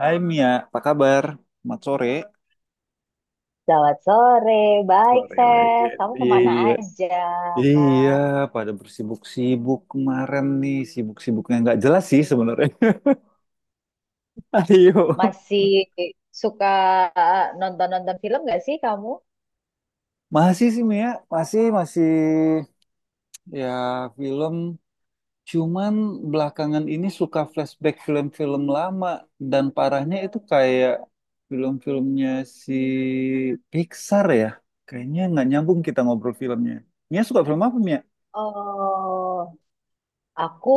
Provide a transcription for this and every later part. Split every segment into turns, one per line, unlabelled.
Hai Mia, apa kabar? Selamat sore.
Selamat sore, baik
Sore lagi.
Seth. Kamu kemana
Iya.
aja?
Iya, pada bersibuk-sibuk kemarin nih, sibuk-sibuknya nggak jelas sih sebenarnya. Ayo,
Masih suka nonton-nonton film gak sih kamu?
masih sih Mia, masih masih ya film. Cuman belakangan ini suka flashback film-film lama dan parahnya itu kayak film-filmnya si Pixar ya. Kayaknya nggak nyambung kita ngobrol filmnya. Mia suka film apa Mia?
Oh, aku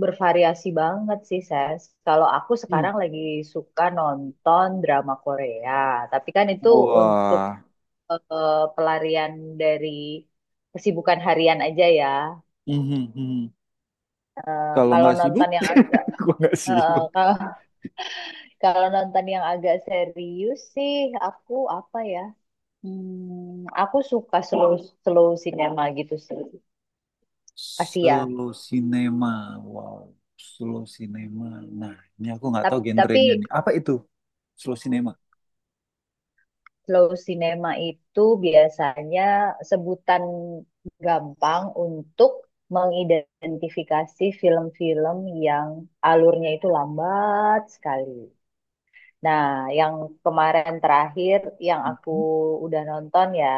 bervariasi banget sih Ses. Kalau aku
Hmm.
sekarang lagi suka nonton drama Korea, tapi kan itu untuk
Wah.
pelarian dari kesibukan harian aja ya.
Mhm, mhm.
Eh,
Kalau
kalau
nggak sibuk,
nonton yang agak,
gua nggak
eh,
sibuk.
kalau Kalau nonton yang agak serius sih, aku apa ya? Aku suka slow slow cinema gitu sih, Asia.
Slow cinema, wow. Slow cinema. Nah, ini aku nggak tahu
Tapi
genrenya nih. Apa itu? Slow cinema.
slow cinema itu biasanya sebutan gampang untuk mengidentifikasi film-film yang alurnya itu lambat sekali. Nah, yang kemarin terakhir yang aku
Mhm.
udah nonton ya,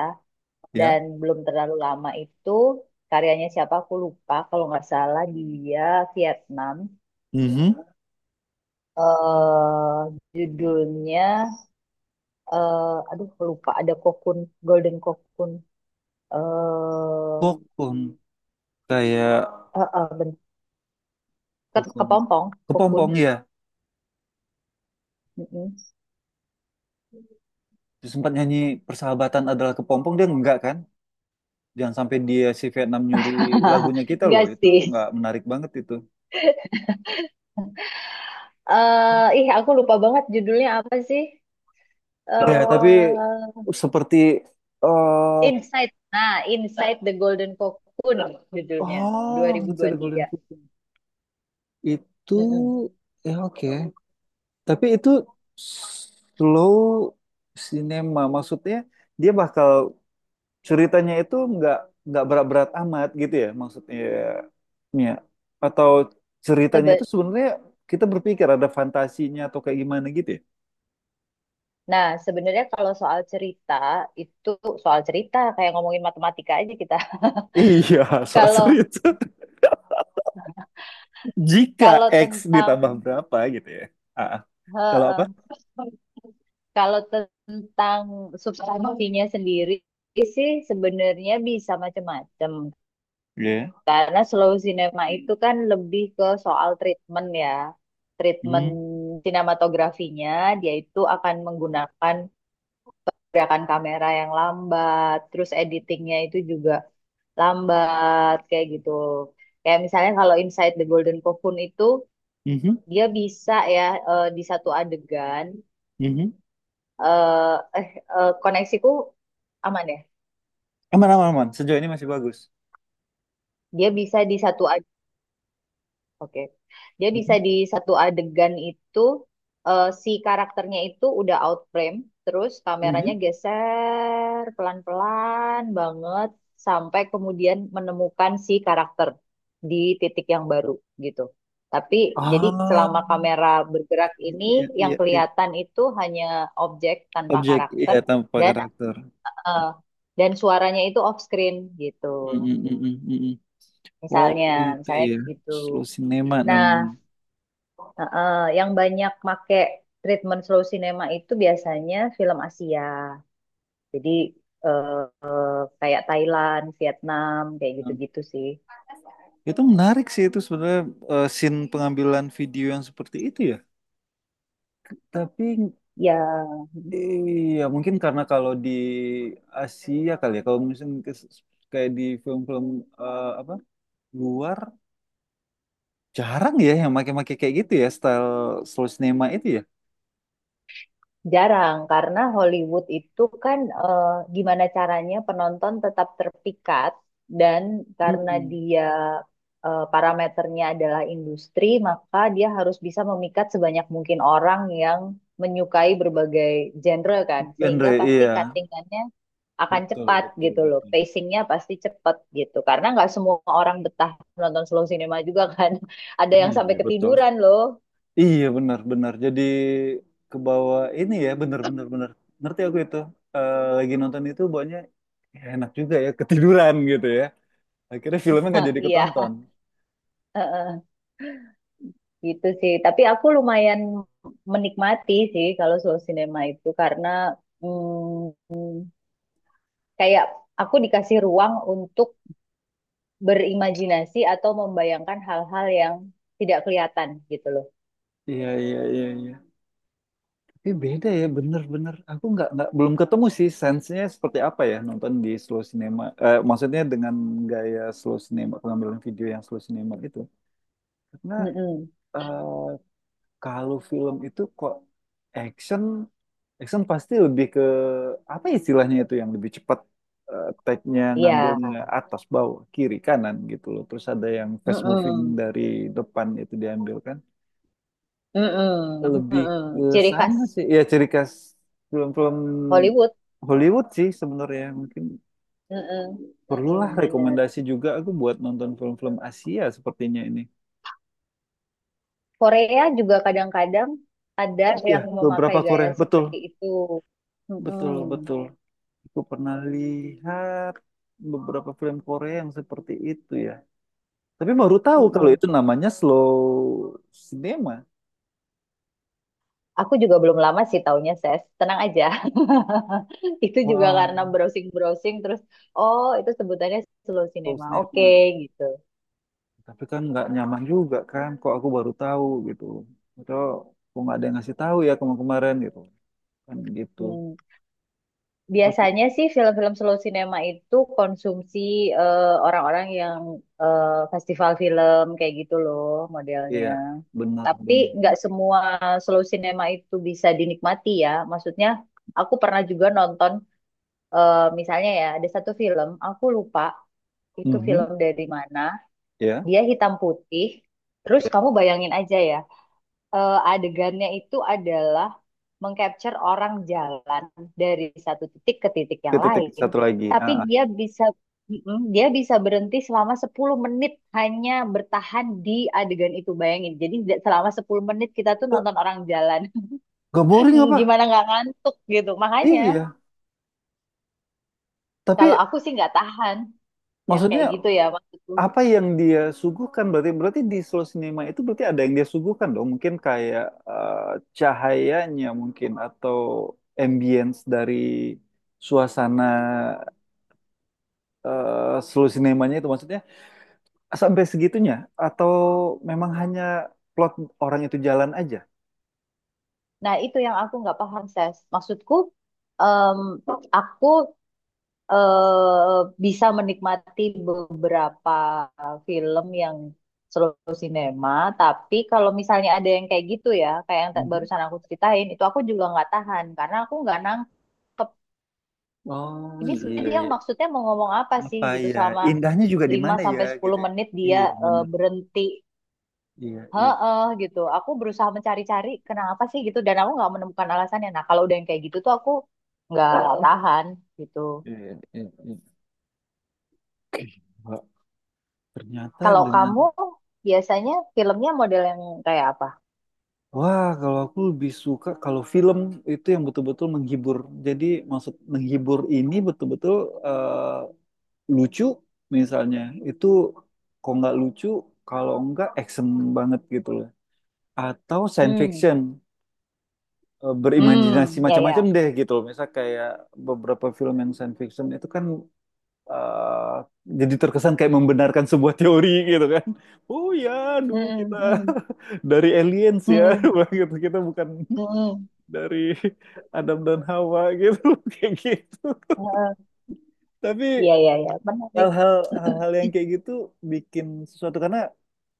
Ya.
dan belum terlalu lama itu karyanya siapa aku lupa, kalau nggak salah dia Vietnam.
Mhm.
eh Judulnya, aduh lupa, ada kokun, Golden Kokun, eh
Kokon kayak
eh, eh, ben-
kokon
kepompong, kokun.
kepompong ya.
Mm-mm.
Dia sempat nyanyi persahabatan adalah kepompong dia enggak kan? Jangan sampai dia si Vietnam nyuri lagunya kita loh.
Enggak
Itu
sih.
nggak menarik banget itu.
Aku lupa banget judulnya apa sih?
Iya, tapi
eh
seperti, eh
Inside. Nah, Inside the Golden Cocoon judulnya.
oh, masih ada Golden
2023.
Kuku. Itu
Mm-mm.
ya, oke. Tapi itu slow cinema maksudnya dia bakal ceritanya itu nggak berat-berat amat gitu ya maksudnya ya. Atau ceritanya itu
Sebe-
sebenarnya kita berpikir ada fantasinya atau kayak gimana gitu ya.
Nah, sebenarnya kalau soal cerita itu, soal cerita kayak ngomongin matematika aja kita.
Iya, soal
Kalau
cerita. Jika
kalau
X
tentang,
ditambah berapa gitu ya. Ah, ah. Kalau apa?
heeh, kalau tentang substansinya sendiri sih sebenarnya bisa macam-macam.
Iya.
Karena slow cinema itu kan lebih ke soal treatment ya. Treatment
Mhm,
sinematografinya, dia itu akan menggunakan gerakan kamera yang lambat, terus editingnya itu juga lambat kayak gitu. Kayak misalnya kalau Inside the Golden Cocoon itu
mhm,
dia bisa ya, di satu adegan,
mhm.
eh eh, koneksiku aman ya.
Aman, aman, aman. Sejauh ini masih bagus.
Dia bisa di satu Oke. Dia bisa
Mhm,
di satu adegan itu, si karakternya itu udah out frame, terus kameranya
mhm.
geser pelan-pelan banget sampai kemudian menemukan si karakter di titik yang baru gitu. Tapi jadi
Ah,
selama kamera bergerak
iya
ini,
iya
yang
iya, iya.
kelihatan itu hanya objek tanpa
Objek iya
karakter,
tanpa
dan
karakter.
eh, dan suaranya itu off screen gitu.
Mm, mm, mm, mm, mm, mm. Oh
Misalnya,
itu
misalnya
ya,
gitu.
slow cinema
Nah,
namanya.
heeh, yang banyak make treatment slow cinema itu biasanya film Asia. Jadi eh, eh, kayak Thailand, Vietnam, kayak
Nah,
gitu-gitu sih.
itu menarik sih itu sebenarnya, scene pengambilan video yang seperti itu ya. Tapi
Ya
iya mungkin karena kalau di Asia kali ya, kalau misalnya kayak di film-film, apa luar jarang ya yang make-make kayak gitu ya style slow cinema itu ya.
jarang karena Hollywood itu kan, gimana caranya penonton tetap terpikat, dan karena
Mm-mm.
dia, parameternya adalah industri, maka dia harus bisa memikat sebanyak mungkin orang yang menyukai berbagai genre kan. Sehingga
Genre
pasti
iya.
cuttingannya akan
Betul,
cepat
betul,
gitu loh.
betul.
Pacingnya pasti cepat gitu. Karena nggak semua orang betah nonton slow cinema juga kan. Ada yang sampai
Iya, betul.
ketiduran loh.
Iya, benar, benar. Jadi ke bawah ini ya, benar, benar, benar. Ngerti aku itu. Lagi nonton itu banyak enak juga ya, ketiduran gitu ya. Akhirnya filmnya nggak jadi
Iya,
ketonton.
gitu sih. Tapi aku lumayan menikmati sih kalau slow cinema itu karena mm, kayak aku dikasih ruang untuk berimajinasi atau membayangkan hal-hal yang tidak kelihatan gitu loh.
Iya, iya, iya, iya. Tapi beda ya, bener-bener. Aku nggak, belum ketemu sih sense-nya seperti apa ya nonton di slow cinema. Maksudnya dengan gaya slow cinema, pengambilan video yang slow cinema itu. Karena
Mm-mm.
eh, kalau film itu kok action, action pasti lebih ke apa istilahnya itu yang lebih cepat, take-nya
Iya.
ngambilnya atas bawah kiri kanan gitu loh. Terus ada yang fast moving
Mm-mm.
dari depan itu diambil kan.
Mm-mm.
Lebih ke
Mm-mm. Ciri khas
sana sih. Ya ciri khas film-film
Hollywood.
Hollywood sih sebenarnya mungkin
Mm-mm,
perlulah
mm-mm, benar.
rekomendasi juga aku buat nonton film-film Asia sepertinya ini.
Korea juga kadang-kadang ada
Iya,
yang memakai
beberapa
gaya
Korea. Betul,
seperti itu.
betul,
Mm-mm,
betul. Aku pernah lihat beberapa film Korea yang seperti itu ya. Tapi baru tahu kalau
mm-mm.
itu namanya slow cinema.
Aku juga belum lama sih taunya, Ses. Tenang aja. Itu juga
Wah,
karena browsing-browsing terus, oh itu sebutannya slow
slow
cinema. Oke,
cinema.
gitu.
Tapi kan nggak nyaman juga kan. Kok aku baru tahu gitu. Atau kok nggak ada yang ngasih tahu ya kemarin-kemarin gitu. Kan gitu.
Hmm. Biasanya
Terus,
sih film-film slow cinema itu konsumsi eh, orang-orang yang, festival film kayak gitu loh modelnya.
iya, benar,
Tapi
benar,
nggak
benar.
semua slow cinema itu bisa dinikmati ya. Maksudnya aku pernah juga nonton, misalnya ya, ada satu film aku lupa itu
Mhm,
film dari mana.
ya,
Dia hitam putih. Terus
ya.
kamu bayangin aja ya, adegannya itu adalah mengcapture orang jalan dari satu titik ke titik yang
Titik-titik
lain,
satu lagi.
tapi
Ah, ah.
dia bisa, dia bisa berhenti selama 10 menit, hanya bertahan di adegan itu, bayangin. Jadi selama 10 menit kita tuh nonton orang jalan.
Gak boring apa?
Gimana nggak ngantuk gitu. Makanya
Iya. Tapi
kalau aku sih nggak tahan yang kayak
maksudnya
gitu ya maksudku.
apa yang dia suguhkan, berarti berarti di slow cinema itu berarti ada yang dia suguhkan dong mungkin kayak, eh, cahayanya mungkin atau ambience dari suasana, slow cinemanya itu maksudnya sampai segitunya, atau memang hanya plot orang itu jalan aja.
Nah, itu yang aku nggak paham, Ses. Maksudku, em, aku, bisa menikmati beberapa film yang seluruh sinema, tapi kalau misalnya ada yang kayak gitu ya, kayak yang
Mhm.
barusan aku ceritain, itu aku juga nggak tahan karena aku nggak nangkep.
Oh
Ini
iya,
sebenarnya dia
iya.
maksudnya mau ngomong apa sih
Apa
gitu,
ya
selama
indahnya juga di
5
mana ya
sampai 10
gitu, ya.
menit dia,
Iya benar.
berhenti.
Iya iya
Heeh gitu. Aku berusaha mencari-cari kenapa sih gitu dan aku nggak menemukan alasannya. Nah, kalau udah yang kayak gitu tuh, aku nggak tahan gitu.
iya iya, iya. Oke, Mbak. Ternyata
Kalau
dengan,
kamu biasanya filmnya model yang kayak apa?
wah, kalau aku lebih suka kalau film itu yang betul-betul menghibur. Jadi maksud menghibur ini betul-betul, eh, lucu misalnya. Itu kalau nggak lucu, kalau nggak action banget gitu loh. Atau science
Hmm,
fiction, berimajinasi
hmm, ya
macam-macam
ya.
deh gitu loh. Misal kayak beberapa film yang science fiction itu kan, eh, jadi terkesan kayak membenarkan sebuah teori gitu kan. Oh ya,
Hmm,
dulu kita
hmm, hmm,
dari aliens ya,
hmm,
gitu. Kita bukan
hmm, hmm.
dari Adam dan Hawa gitu kayak gitu,
Eh,
tapi
iya iya iya, menarik.
hal-hal hal-hal yang kayak gitu bikin sesuatu karena,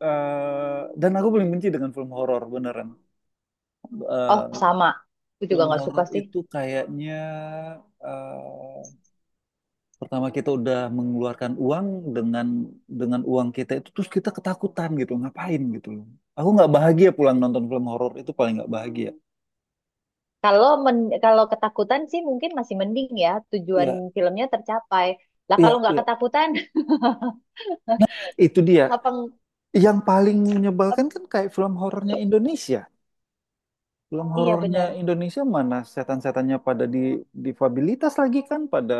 dan aku paling benci dengan film horor beneran.
Oh
Eh,
sama, aku juga
film
nggak suka
horor
sih.
itu kayaknya, eh, pertama kita udah mengeluarkan uang dengan dengan uang kita itu terus kita ketakutan gitu ngapain gitu loh, aku nggak bahagia pulang nonton film horor itu paling nggak bahagia.
Kalau men kalau ketakutan sih mungkin masih mending ya, tujuan
Iya,
filmnya tercapai. Lah kalau
iya,
nggak
iya.
ketakutan,
Nah, itu dia.
apa?
Yang paling menyebalkan
Ap-
kan kayak film horornya Indonesia. Film
iya
horornya
benar.
Indonesia mana setan-setannya pada di difabilitas lagi kan, pada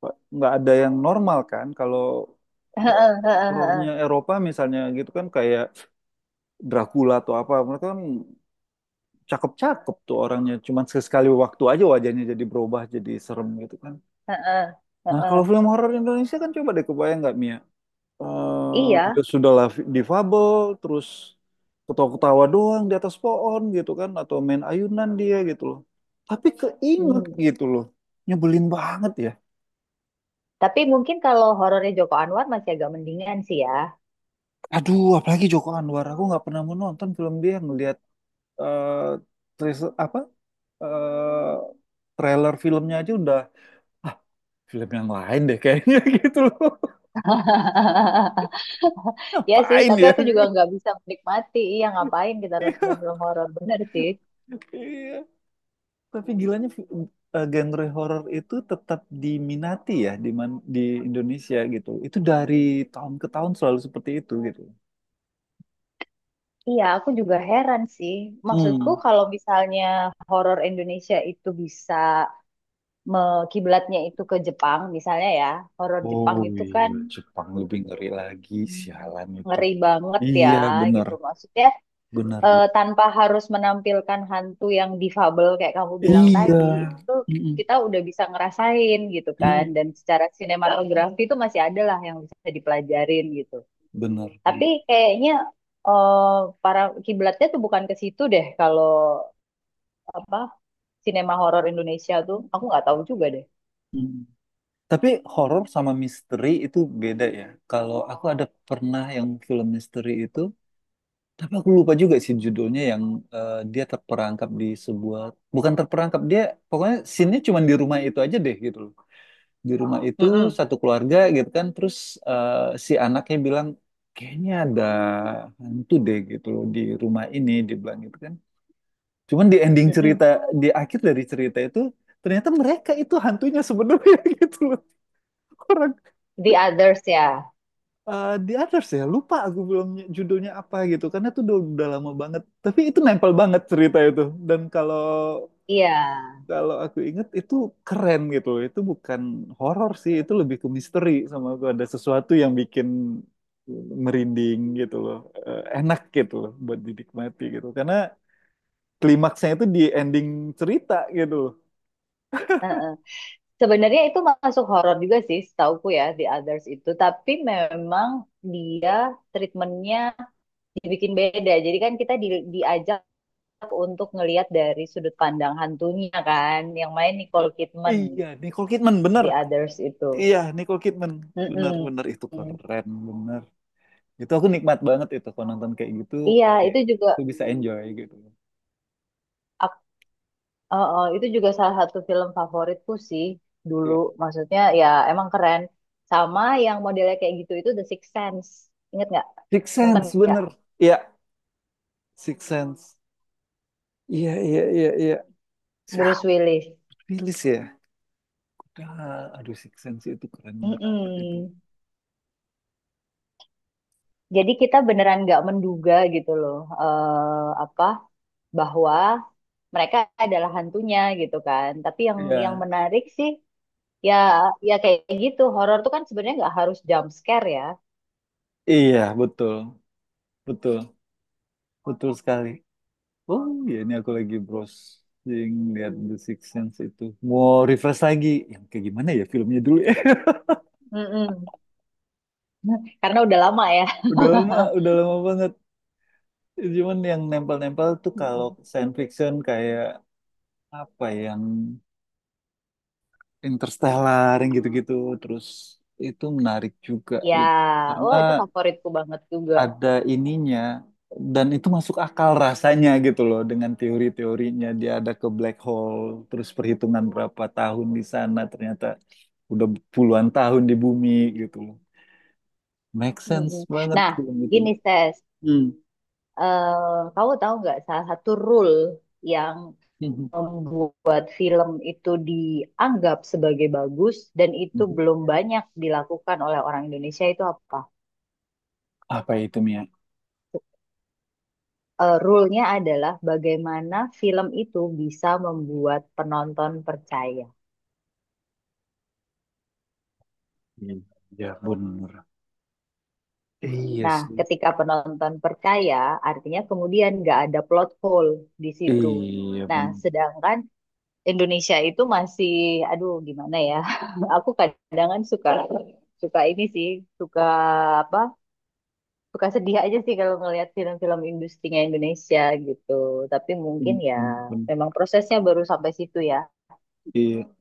nggak ada yang normal kan. Kalau ho-
Heeh, heeh, heeh,
horornya Eropa misalnya gitu kan kayak Dracula atau apa, mereka kan cakep-cakep tuh orangnya. Cuman sekali waktu aja wajahnya jadi berubah jadi serem gitu kan.
heeh,
Nah kalau
heeh.
film horor Indonesia kan coba deh kebayang nggak Mia?
Iya.
Sudahlah difabel terus ketawa-ketawa doang di atas pohon gitu kan, atau main ayunan dia gitu loh, tapi keinget
Hmm.
gitu loh, nyebelin banget ya.
Tapi mungkin kalau horornya Joko Anwar masih agak mendingan sih ya.
Aduh apalagi Joko Anwar, aku nggak pernah mau nonton film dia, ngelihat eh apa, eh trailer filmnya aja udah ah, film yang lain deh kayaknya gitu loh,
Ya sih,
ngapain
tapi
ya.
aku juga nggak bisa menikmati. Iya, ngapain kita nonton film horor? Bener sih.
Iya, tapi gilanya genre horor itu tetap diminati ya, di Indonesia gitu. Itu dari tahun ke tahun selalu seperti itu gitu.
Iya, aku juga heran sih. Maksudku
Hmm.
kalau misalnya horor Indonesia itu bisa, kiblatnya itu ke Jepang, misalnya ya, horor
Oh
Jepang itu
iya,
kan,
Jepang
mm,
lebih ngeri lagi, sialan itu.
ngeri banget ya,
Iya, benar.
gitu. Maksudnya
Benar, benar.
tanpa harus menampilkan hantu yang difabel kayak kamu bilang
Iya.
tadi itu,
Mm-mm.
kita udah bisa ngerasain gitu kan,
Mm.
dan secara sinematografi itu masih ada lah yang bisa dipelajarin gitu.
Benar, benar.
Tapi kayaknya eh, para kiblatnya tuh bukan ke situ deh, kalau apa, sinema horor Indonesia tuh aku nggak tahu juga deh.
Mm. Tapi horor sama misteri itu beda ya. Kalau aku ada pernah yang film misteri itu, tapi aku lupa juga sih judulnya yang, dia terperangkap di sebuah, bukan terperangkap dia, pokoknya scene-nya cuma di rumah itu aja deh gitu loh. Di rumah itu
Mm-mm,
satu keluarga gitu kan, terus, eh, si anaknya bilang kayaknya ada hantu deh gitu loh di rumah ini, dibilang gitu kan. Cuman di ending cerita,
mm-mm.
di akhir dari cerita itu ternyata mereka itu hantunya sebenarnya gitu loh. Orang,
The Others ya,
The Others ya, lupa aku belum judulnya apa gitu karena itu udah lama banget, tapi itu nempel banget cerita itu, dan kalau
iya.
kalau aku inget itu keren gitu, itu bukan horor sih, itu lebih ke misteri, sama aku ada sesuatu yang bikin merinding gitu loh. Enak gitu loh buat dinikmati gitu karena klimaksnya itu di ending cerita gitu loh.
Heeh. Sebenarnya itu masuk horor juga sih, setauku ya, The Others itu. Tapi memang dia, treatmentnya dibikin beda. Jadi kan kita diajak untuk ngelihat dari sudut pandang hantunya kan, yang main Nicole Kidman,
Iya, Nicole Kidman bener.
The Others itu.
Iya, Nicole Kidman bener,
Mm-mm.
bener itu keren bener. Itu aku nikmat banget itu kalau nonton kayak gitu.
Iya,
Oke,
itu juga,
aku bisa enjoy gitu.
ak- itu juga salah satu film favoritku sih dulu.
Ya.
Maksudnya ya, emang keren. Sama yang modelnya kayak gitu itu The Sixth Sense. Ingat nggak?
Six
Nonton
Sense
nggak?
bener. Iya, Six Sense. Iya, iya, iya, iya. Siapa
Bruce Willis.
rilis ya? Udah, aduh Six Sense itu keren banget itu.
Mm-mm. Jadi kita beneran nggak menduga gitu loh, eh apa, bahwa mereka adalah hantunya gitu kan. Tapi yang
Iya,
menarik sih, ya ya kayak gitu, horor tuh kan sebenarnya nggak harus jump scare ya.
iya, betul, betul, betul sekali. Oh iya, ini aku lagi browsing lihat The Six Sense itu. Mau refresh lagi, yang kayak gimana ya filmnya dulu ya?
Mm-mm. Karena udah lama ya.
Udah lama banget. Cuman yang nempel-nempel tuh kalau
Mm-mm.
science fiction kayak apa ya, yang Interstellar yang gitu-gitu, terus itu menarik juga
Ya,
gitu karena
oh itu favoritku banget juga.
ada ininya dan itu masuk akal rasanya gitu loh, dengan teori-teorinya dia ada ke black hole terus perhitungan berapa tahun di sana ternyata udah puluhan tahun di bumi gitu loh, make sense
Mm-mm.
banget
Nah,
film itu.
gini Ses.
Hmm.
Eh, kamu tahu nggak salah satu rule yang
Mhm.
membuat film itu dianggap sebagai bagus dan itu
Mhm.
belum banyak dilakukan oleh orang Indonesia itu apa?
Apa itu Mia?
Eh, rule-nya adalah bagaimana film itu bisa membuat penonton percaya.
Iya bener. Iya
Nah,
sih.
ketika penonton percaya, artinya kemudian nggak ada plot hole di situ.
Iya
Nah,
bener.
sedangkan Indonesia itu masih, aduh gimana ya, aku kadang-kadang suka suka ini sih, suka apa suka sedih aja sih kalau ngelihat film-film industrinya Indonesia gitu. Tapi mungkin
Bener,
ya,
bener, bener.
memang prosesnya baru sampai situ ya.
Iya.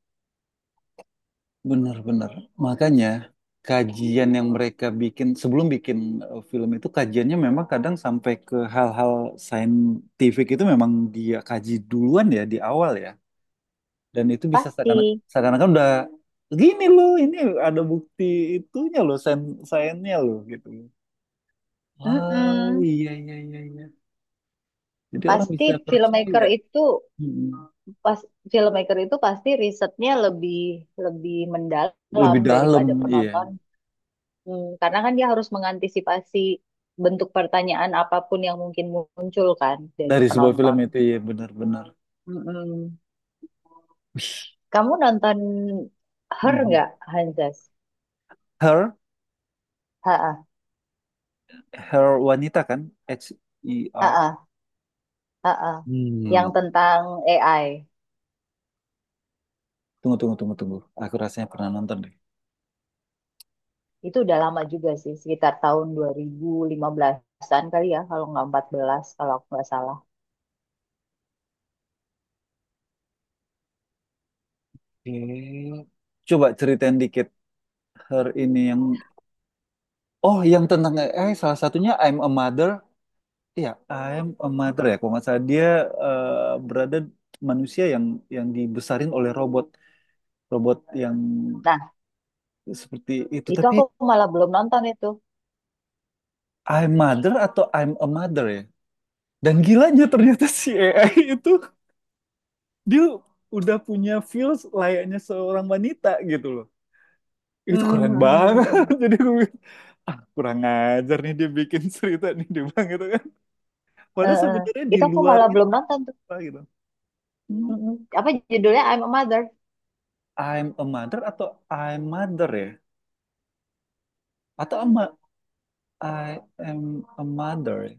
Benar-benar. Makanya kajian yang mereka bikin sebelum bikin, film itu kajiannya memang kadang sampai ke hal-hal saintifik, itu memang dia kaji duluan ya di awal ya. Dan itu bisa
Pasti.
seakan-akan udah gini loh, ini ada bukti itunya loh, sainnya loh gitu. Wow,
Mm-mm.
iya iya iya iya. Jadi orang
Pasti
bisa
filmmaker
percaya.
itu
Hmm.
pas filmmaker itu pasti risetnya lebih lebih mendalam
Lebih dalam
daripada
iya
penonton. Hmm, karena kan dia harus mengantisipasi bentuk pertanyaan apapun yang mungkin muncul kan dari
dari sebuah film
penonton.
itu iya benar-benar.
Mm-mm.
Wih.
Kamu nonton Her
Mhm.
nggak, Hanzas?
Her
Ha-ah.
Her Wanita kan? Her.
Ha-ah. Heeh. Yang
Hmm.
tentang AI,
Tunggu, tunggu, tunggu, tunggu. Aku rasanya pernah nonton deh.
itu udah lama juga sih, sekitar tahun 2015-an kali ya, kalau nggak 14 kalau aku nggak salah.
Eh, Coba ceritain dikit Her ini yang. Oh, yang tentang salah satunya I'm a Mother. Iya, I'm a Mother ya. Kalau nggak salah dia berada manusia yang dibesarin oleh robot. Robot yang
Nah,
seperti itu.
itu
Tapi
aku malah belum nonton itu.
I'm Mother atau I'm a Mother ya? Dan gilanya ternyata si AI itu dia udah punya feels layaknya seorang wanita gitu loh. Itu keren
Hmm.
banget. Jadi gue bilang, ah kurang ajar nih dia bikin cerita nih dia bilang gitu kan.
Eh,
Padahal
eh.
sebenarnya di
Itu aku
luar
malah
itu
belum nonton tuh.
Pak, gitu. Hmm,
Mm-mm. Apa judulnya? I'm a Mother.
I'm a mother atau I'm mother ya? Atau ama, I am a mother ya?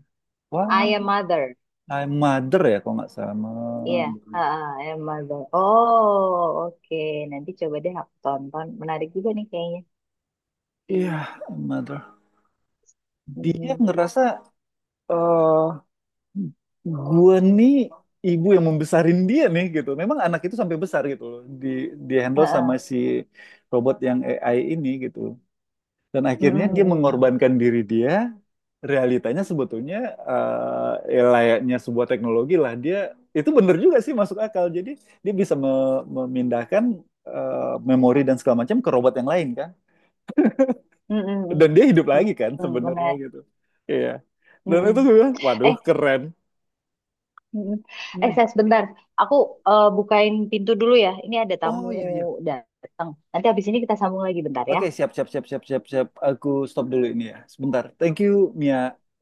I
Wah,
am Mother.
I'm mother ya kalau nggak
Iya,
salah.
ah, ah, I am Mother. Oh, oke. Nanti coba deh aku tonton. Menarik juga nih kayaknya.
Iya, I'm mother. Dia
Mm-mm.
ngerasa eh gua nih ibu yang membesarin dia nih gitu. Memang anak itu sampai besar gitu loh. Di
Ah,
handle sama
ah.
si robot yang AI ini gitu. Dan
Mm-mm,
akhirnya dia
mm-mm.
mengorbankan diri dia. Realitanya sebetulnya, ya layaknya sebuah teknologi lah. Dia itu bener juga sih masuk akal. Jadi dia bisa memindahkan, memori dan segala macam ke robot yang lain kan.
Mm-mm,
Dan dia hidup
mm-mm.
lagi kan
Mm-mm,
sebenarnya
menarik.
gitu. Iya. Dan itu
Mm-mm.
gue bilang, waduh
Eh,
keren.
Mm-mm.
Hmm.
Saya sebentar. Aku bukain pintu dulu ya. Ini ada tamu
Oh iya iya.
datang. Nanti habis ini kita sambung lagi bentar ya.
Oke, siap, siap, siap, siap, siap, siap. Aku stop dulu ini ya. Sebentar. Thank you, Mia.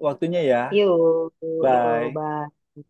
Waktunya ya.
Yuk, yuk,
Bye.
bye.